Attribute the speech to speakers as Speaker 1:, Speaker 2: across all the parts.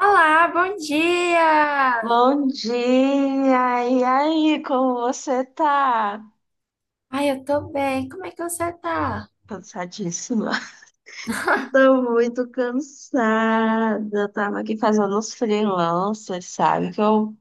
Speaker 1: Olá, bom dia!
Speaker 2: Bom dia! E aí, como você tá?
Speaker 1: Ai, eu tô bem. Como é que você tá?
Speaker 2: Cansadíssima. Tô muito cansada. Eu tava aqui fazendo uns freelancers, sabe? Que eu,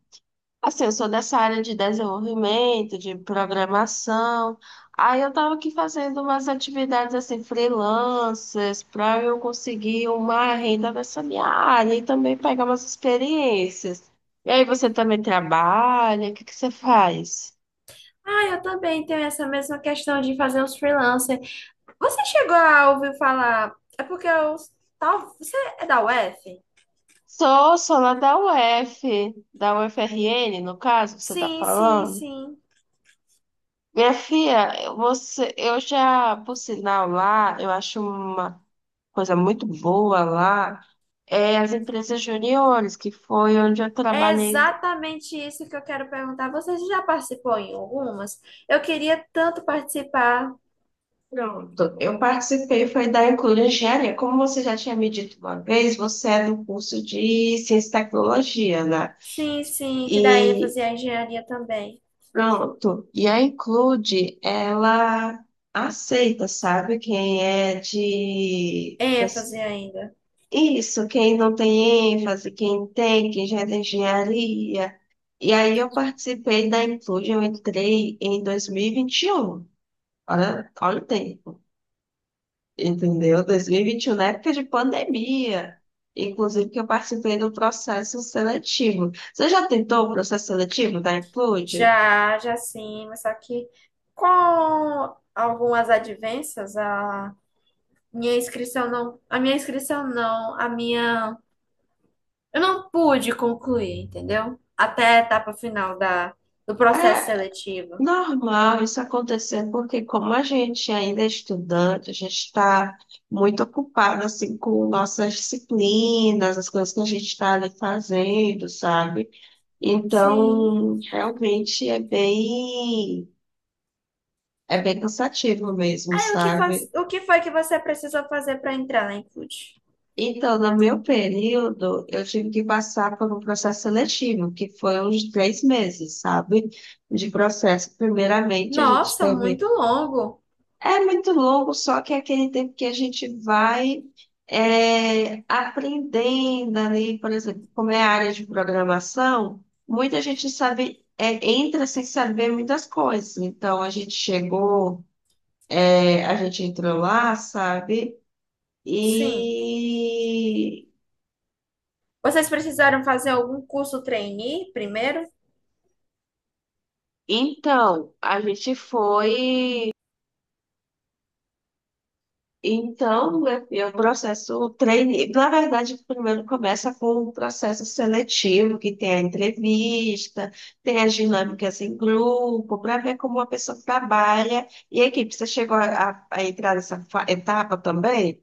Speaker 2: assim, eu sou dessa área de desenvolvimento, de programação. Aí eu tava aqui fazendo umas atividades, assim, freelancers, pra eu conseguir uma renda nessa minha área e também pegar umas experiências. E aí, você também trabalha? O que que você faz?
Speaker 1: Ai, eu também tenho essa mesma questão de fazer uns freelancer. Você chegou a ouvir falar? É porque eu. Tal... Você é da UF?
Speaker 2: Sou lá da UF, da UFRN, no caso, você tá
Speaker 1: Sim, sim,
Speaker 2: falando.
Speaker 1: sim.
Speaker 2: Minha filha, você, eu já, por sinal, lá, eu acho uma coisa muito boa lá, é as empresas juniores, que foi onde eu
Speaker 1: É
Speaker 2: trabalhei.
Speaker 1: exatamente isso que eu quero perguntar. Você já participou em algumas? Eu queria tanto participar.
Speaker 2: Pronto, eu participei, foi da Inclui Engenharia. Como você já tinha me dito uma vez, você é do curso de Ciência e Tecnologia, né?
Speaker 1: Sim, que dá
Speaker 2: e
Speaker 1: ênfase à engenharia também.
Speaker 2: Pronto. E a Include, ela aceita, sabe? Quem é de.
Speaker 1: Ênfase ainda.
Speaker 2: Isso, quem não tem ênfase, quem tem, quem já é da engenharia. E aí eu participei da Include, eu entrei em 2021. Olha o tempo, entendeu? 2021, na época de pandemia. Inclusive que eu participei do processo seletivo. Você já tentou o processo seletivo da Include?
Speaker 1: Já, sim, mas só que com algumas advências, a minha inscrição não, a minha inscrição não, a minha, eu não pude concluir, entendeu? Até a etapa final da, do processo
Speaker 2: É,
Speaker 1: seletivo.
Speaker 2: normal isso acontecer, porque como a gente ainda é estudante, a gente está muito ocupado assim com nossas disciplinas, as coisas que a gente está ali fazendo, sabe?
Speaker 1: Sim.
Speaker 2: Então, realmente é bem cansativo mesmo,
Speaker 1: Aí o que faz,
Speaker 2: sabe?
Speaker 1: o que foi que você precisou fazer para entrar na Include?
Speaker 2: Então, no meu período, eu tive que passar por um processo seletivo, que foi uns três meses, sabe? De processo. Primeiramente, a gente
Speaker 1: Nossa,
Speaker 2: teve.
Speaker 1: muito longo.
Speaker 2: É muito longo, só que é aquele tempo que a gente vai aprendendo ali, por exemplo, como é a área de programação, muita gente sabe, é, entra sem saber muitas coisas. Então, a gente chegou, a gente entrou lá, sabe?
Speaker 1: Sim.
Speaker 2: E
Speaker 1: Vocês precisaram fazer algum curso trainee primeiro?
Speaker 2: então, a gente foi. Então, meu filho, o processo treine, na verdade, primeiro começa com o processo seletivo, que tem a entrevista, tem as dinâmicas em grupo, para ver como a pessoa trabalha. E a equipe, você chegou a entrar nessa etapa também?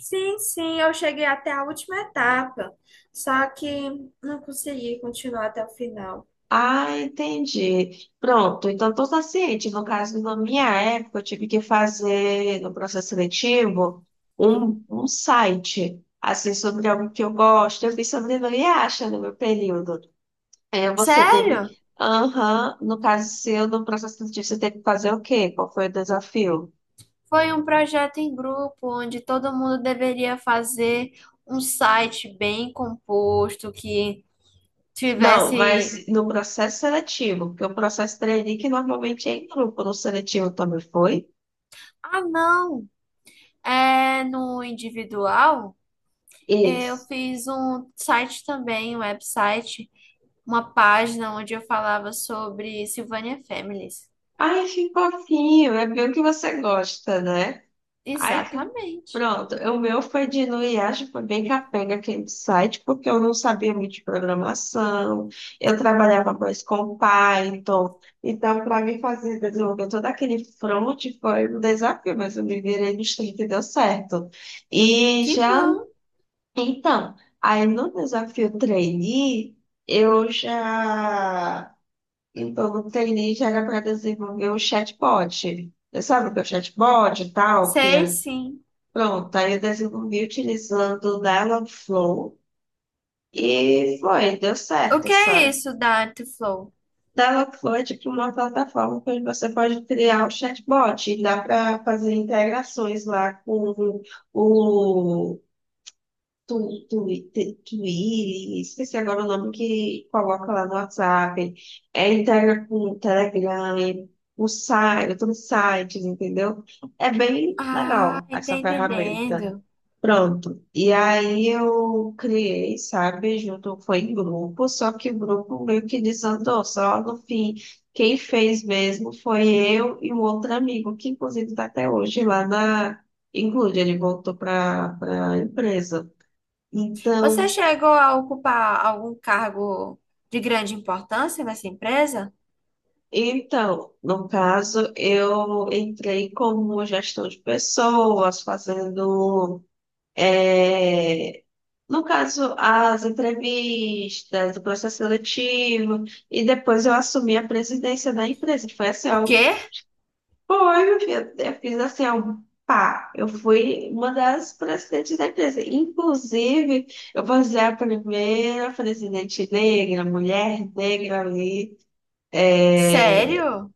Speaker 1: Sim, eu cheguei até a última etapa, só que não consegui continuar até o final.
Speaker 2: Ah, entendi. Pronto, então estou ciente. No caso, na minha época, eu tive que fazer, no processo seletivo, um site, assim, sobre algo que eu gosto. Eu fiz sobre não acha no meu período. É, você teve.
Speaker 1: Sério?
Speaker 2: Aham, no caso seu, no processo seletivo, você teve que fazer o quê? Qual foi o desafio?
Speaker 1: Foi um projeto em grupo onde todo mundo deveria fazer um site bem composto que
Speaker 2: Não,
Speaker 1: tivesse.
Speaker 2: mas no processo seletivo, porque o processo trainee que normalmente é em grupo, no seletivo também foi?
Speaker 1: Ah, não! É no individual. Eu
Speaker 2: Isso.
Speaker 1: fiz um site também, um website, uma página onde eu falava sobre Silvânia Families.
Speaker 2: Ai, que fofinho, é bem o que você gosta, né? Ai, que...
Speaker 1: Exatamente.
Speaker 2: Pronto, o meu foi de no IASP, foi bem capenga aquele site, porque eu não sabia muito de programação, eu trabalhava mais com Python, então para mim fazer desenvolver todo aquele front foi um desafio, mas eu me virei nos 30 e deu certo. E
Speaker 1: Que
Speaker 2: já,
Speaker 1: bom!
Speaker 2: então, aí no desafio trainee, eu já, então no trainee já era para desenvolver o chatbot. Você sabe o que é o chatbot e tal, que
Speaker 1: Sei
Speaker 2: é.
Speaker 1: sim.
Speaker 2: Pronto, aí eu desenvolvi utilizando o Dialogflow e foi, deu
Speaker 1: O
Speaker 2: certo,
Speaker 1: que é
Speaker 2: sabe?
Speaker 1: isso da Artflow?
Speaker 2: Dialogflow é tipo uma plataforma que você pode criar o chatbot e dá para fazer integrações lá com o, Tu, tu, Twilio, esqueci agora o nome que coloca lá no WhatsApp, é, integra com o Telegram, o site, todos os sites, entendeu? É bem
Speaker 1: Ah,
Speaker 2: legal
Speaker 1: tá
Speaker 2: essa ferramenta.
Speaker 1: entendendo.
Speaker 2: Pronto. E aí eu criei, sabe, junto, foi em grupo, só que o grupo meio que desandou, só no fim. Quem fez mesmo foi eu e um outro amigo, que inclusive está até hoje lá na Include, ele voltou para a empresa.
Speaker 1: Você
Speaker 2: Então,
Speaker 1: chegou a ocupar algum cargo de grande importância nessa empresa?
Speaker 2: no caso, eu entrei como gestão de pessoas, fazendo, eh, no caso, as entrevistas, o processo seletivo, e depois eu assumi a presidência da empresa, que foi assim,
Speaker 1: O
Speaker 2: ó,
Speaker 1: quê?
Speaker 2: foi, meu filho, eu fiz assim, ó, pá, eu fui uma das presidentes da empresa, inclusive, eu vou ser a primeira presidente negra, mulher negra ali, é,
Speaker 1: Sério?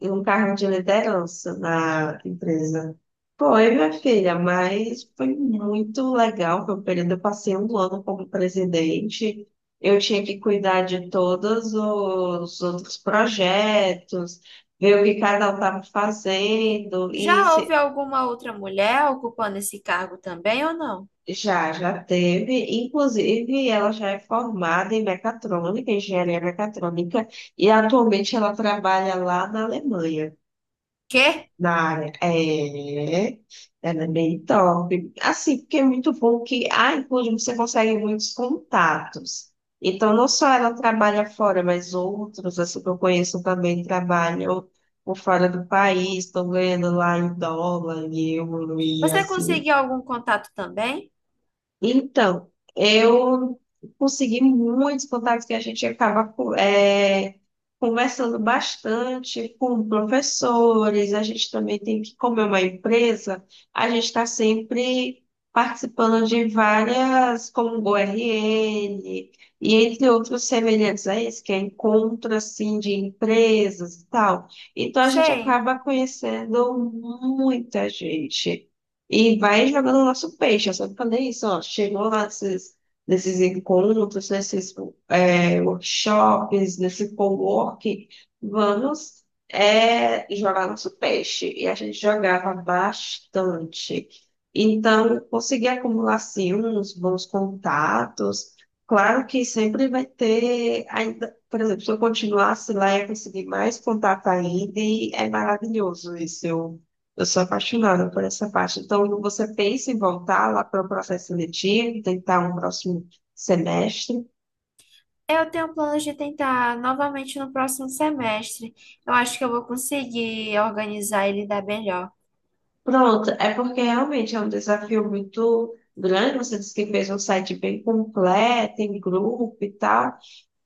Speaker 2: e um cargo de liderança na empresa. Foi, minha filha, mas foi muito legal. Foi um período, eu passei um ano como presidente. Eu tinha que cuidar de todos os outros projetos, ver o que cada um estava fazendo. E
Speaker 1: Já houve alguma outra mulher ocupando esse cargo também ou não?
Speaker 2: já, já teve. Inclusive, ela já é formada em mecatrônica, engenharia mecatrônica, e atualmente ela trabalha lá na Alemanha.
Speaker 1: Quê?
Speaker 2: Na área. É, é, ela é bem top. Assim, porque é muito bom que a Include você consegue muitos contatos. Então, não só ela trabalha fora, mas outros, assim, que eu conheço também trabalham por fora do país, estão ganhando lá em dólar, em euro, e
Speaker 1: Você
Speaker 2: assim.
Speaker 1: conseguiu algum contato também?
Speaker 2: Então, eu consegui muitos contatos que a gente acaba conversando bastante com professores. A gente também tem que, como é uma empresa, a gente está sempre participando de várias, como o ORN, e entre outros semelhantes a esse, que é encontro assim, de empresas e tal. Então, a gente
Speaker 1: Sei.
Speaker 2: acaba conhecendo muita gente. E vai jogando o nosso peixe. Eu sempre falei isso, ó. Chegou lá nesses encontros, nesses workshops, nesse co-work, vamos jogar nosso peixe. E a gente jogava bastante. Então, eu consegui acumular, sim, uns bons contatos. Claro que sempre vai ter, ainda, por exemplo, se eu continuasse lá, ia conseguir mais contato ainda, e é maravilhoso isso. Eu sou apaixonada por essa parte. Então, quando você pensa em voltar lá para o processo seletivo, tentar um próximo semestre.
Speaker 1: Eu tenho planos de tentar novamente no próximo semestre. Eu acho que eu vou conseguir organizar e lidar melhor.
Speaker 2: Pronto, é porque realmente é um desafio muito grande. Você disse que fez um site bem completo, em grupo e tal.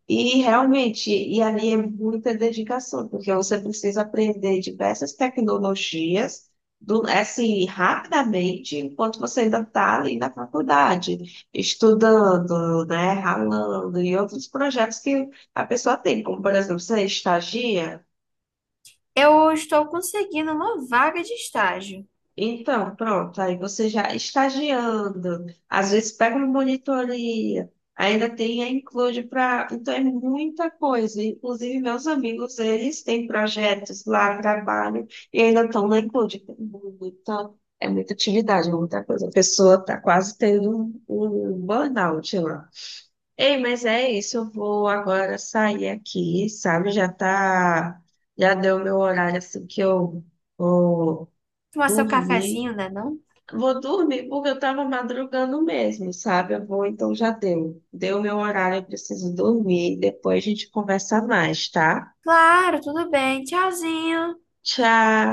Speaker 2: E realmente, e ali é muita dedicação, porque você precisa aprender diversas tecnologias do, assim, rapidamente, enquanto você ainda está ali na faculdade, estudando, né, ralando, e outros projetos que a pessoa tem, como, por exemplo, você estagia,
Speaker 1: Eu estou conseguindo uma vaga de estágio.
Speaker 2: Então, pronto, aí você já estagiando, às vezes pega uma monitoria, ainda tem a include para. Então, é muita coisa. Inclusive, meus amigos, eles têm projetos lá, trabalham, e ainda estão na include. Tem muita- é muita atividade, é muita coisa. A pessoa está quase tendo um burnout lá. Ei, mas é isso, eu vou agora sair aqui, sabe? Já tá, já deu meu horário assim que eu vou
Speaker 1: Tomar seu
Speaker 2: dormir.
Speaker 1: cafezinho, né, não?
Speaker 2: Vou dormir porque eu tava madrugando mesmo, sabe? Eu vou, então já deu. Deu meu horário, eu preciso dormir. Depois a gente conversa mais, tá?
Speaker 1: Claro, tudo bem. Tchauzinho.
Speaker 2: Tchau.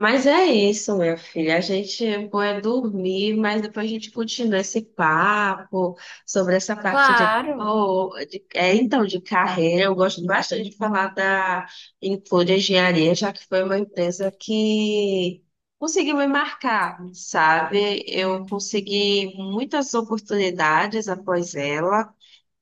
Speaker 2: Mas é isso, minha filha. A gente vai dormir, mas depois a gente continua esse papo sobre essa parte de,
Speaker 1: Claro.
Speaker 2: oh, então, de carreira. Eu gosto bastante de falar da Include Engenharia, já que foi uma empresa que conseguiu me marcar, sabe? Eu consegui muitas oportunidades após ela.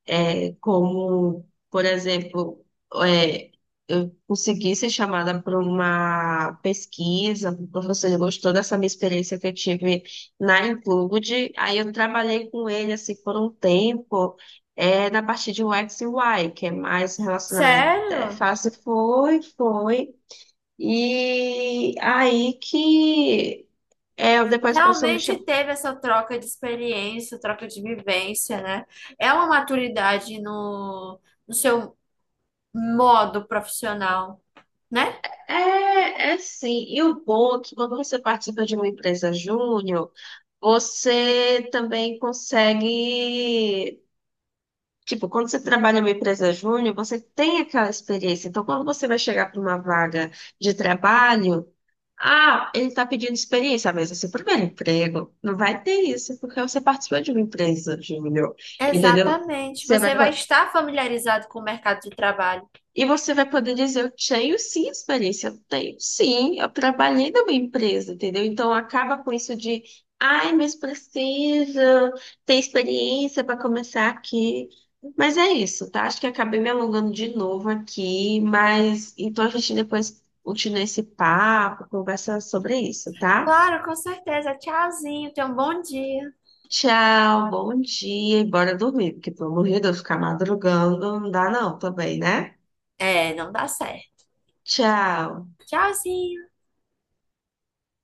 Speaker 2: É, como, por exemplo, é, eu consegui ser chamada para uma pesquisa, o professor gostou dessa minha experiência que eu tive na Include, aí eu trabalhei com ele assim por um tempo, é, na parte de UX e UI, que é mais relacionada à
Speaker 1: Sério?
Speaker 2: interface, foi, e aí que depois o professor me
Speaker 1: Realmente
Speaker 2: chamou.
Speaker 1: teve essa troca de experiência, troca de vivência, né? É uma maturidade no seu modo profissional, né?
Speaker 2: É, é sim. E o bom é que quando você participa de uma empresa júnior, você também consegue. Tipo, quando você trabalha numa empresa júnior, você tem aquela experiência. Então, quando você vai chegar para uma vaga de trabalho, ah, ele está pedindo experiência, mas é seu primeiro emprego. Não vai ter isso, porque você participou de uma empresa júnior, entendeu?
Speaker 1: Exatamente.
Speaker 2: Você vai,
Speaker 1: Você vai estar familiarizado com o mercado de trabalho.
Speaker 2: E você vai poder dizer, eu tenho sim experiência, eu tenho sim, eu trabalhei numa empresa, entendeu? Então acaba com isso de, ai, mas precisa ter experiência para começar aqui. Mas é isso, tá? Acho que acabei me alongando de novo aqui, mas então a gente depois continua esse papo, conversa sobre isso, tá?
Speaker 1: Claro, com certeza. Tchauzinho, tenha um bom dia.
Speaker 2: Tchau, bom dia e bora dormir, porque pelo amor de Deus, ficar madrugando não dá não também, né?
Speaker 1: É, não dá certo.
Speaker 2: Tchau.
Speaker 1: Tchauzinho.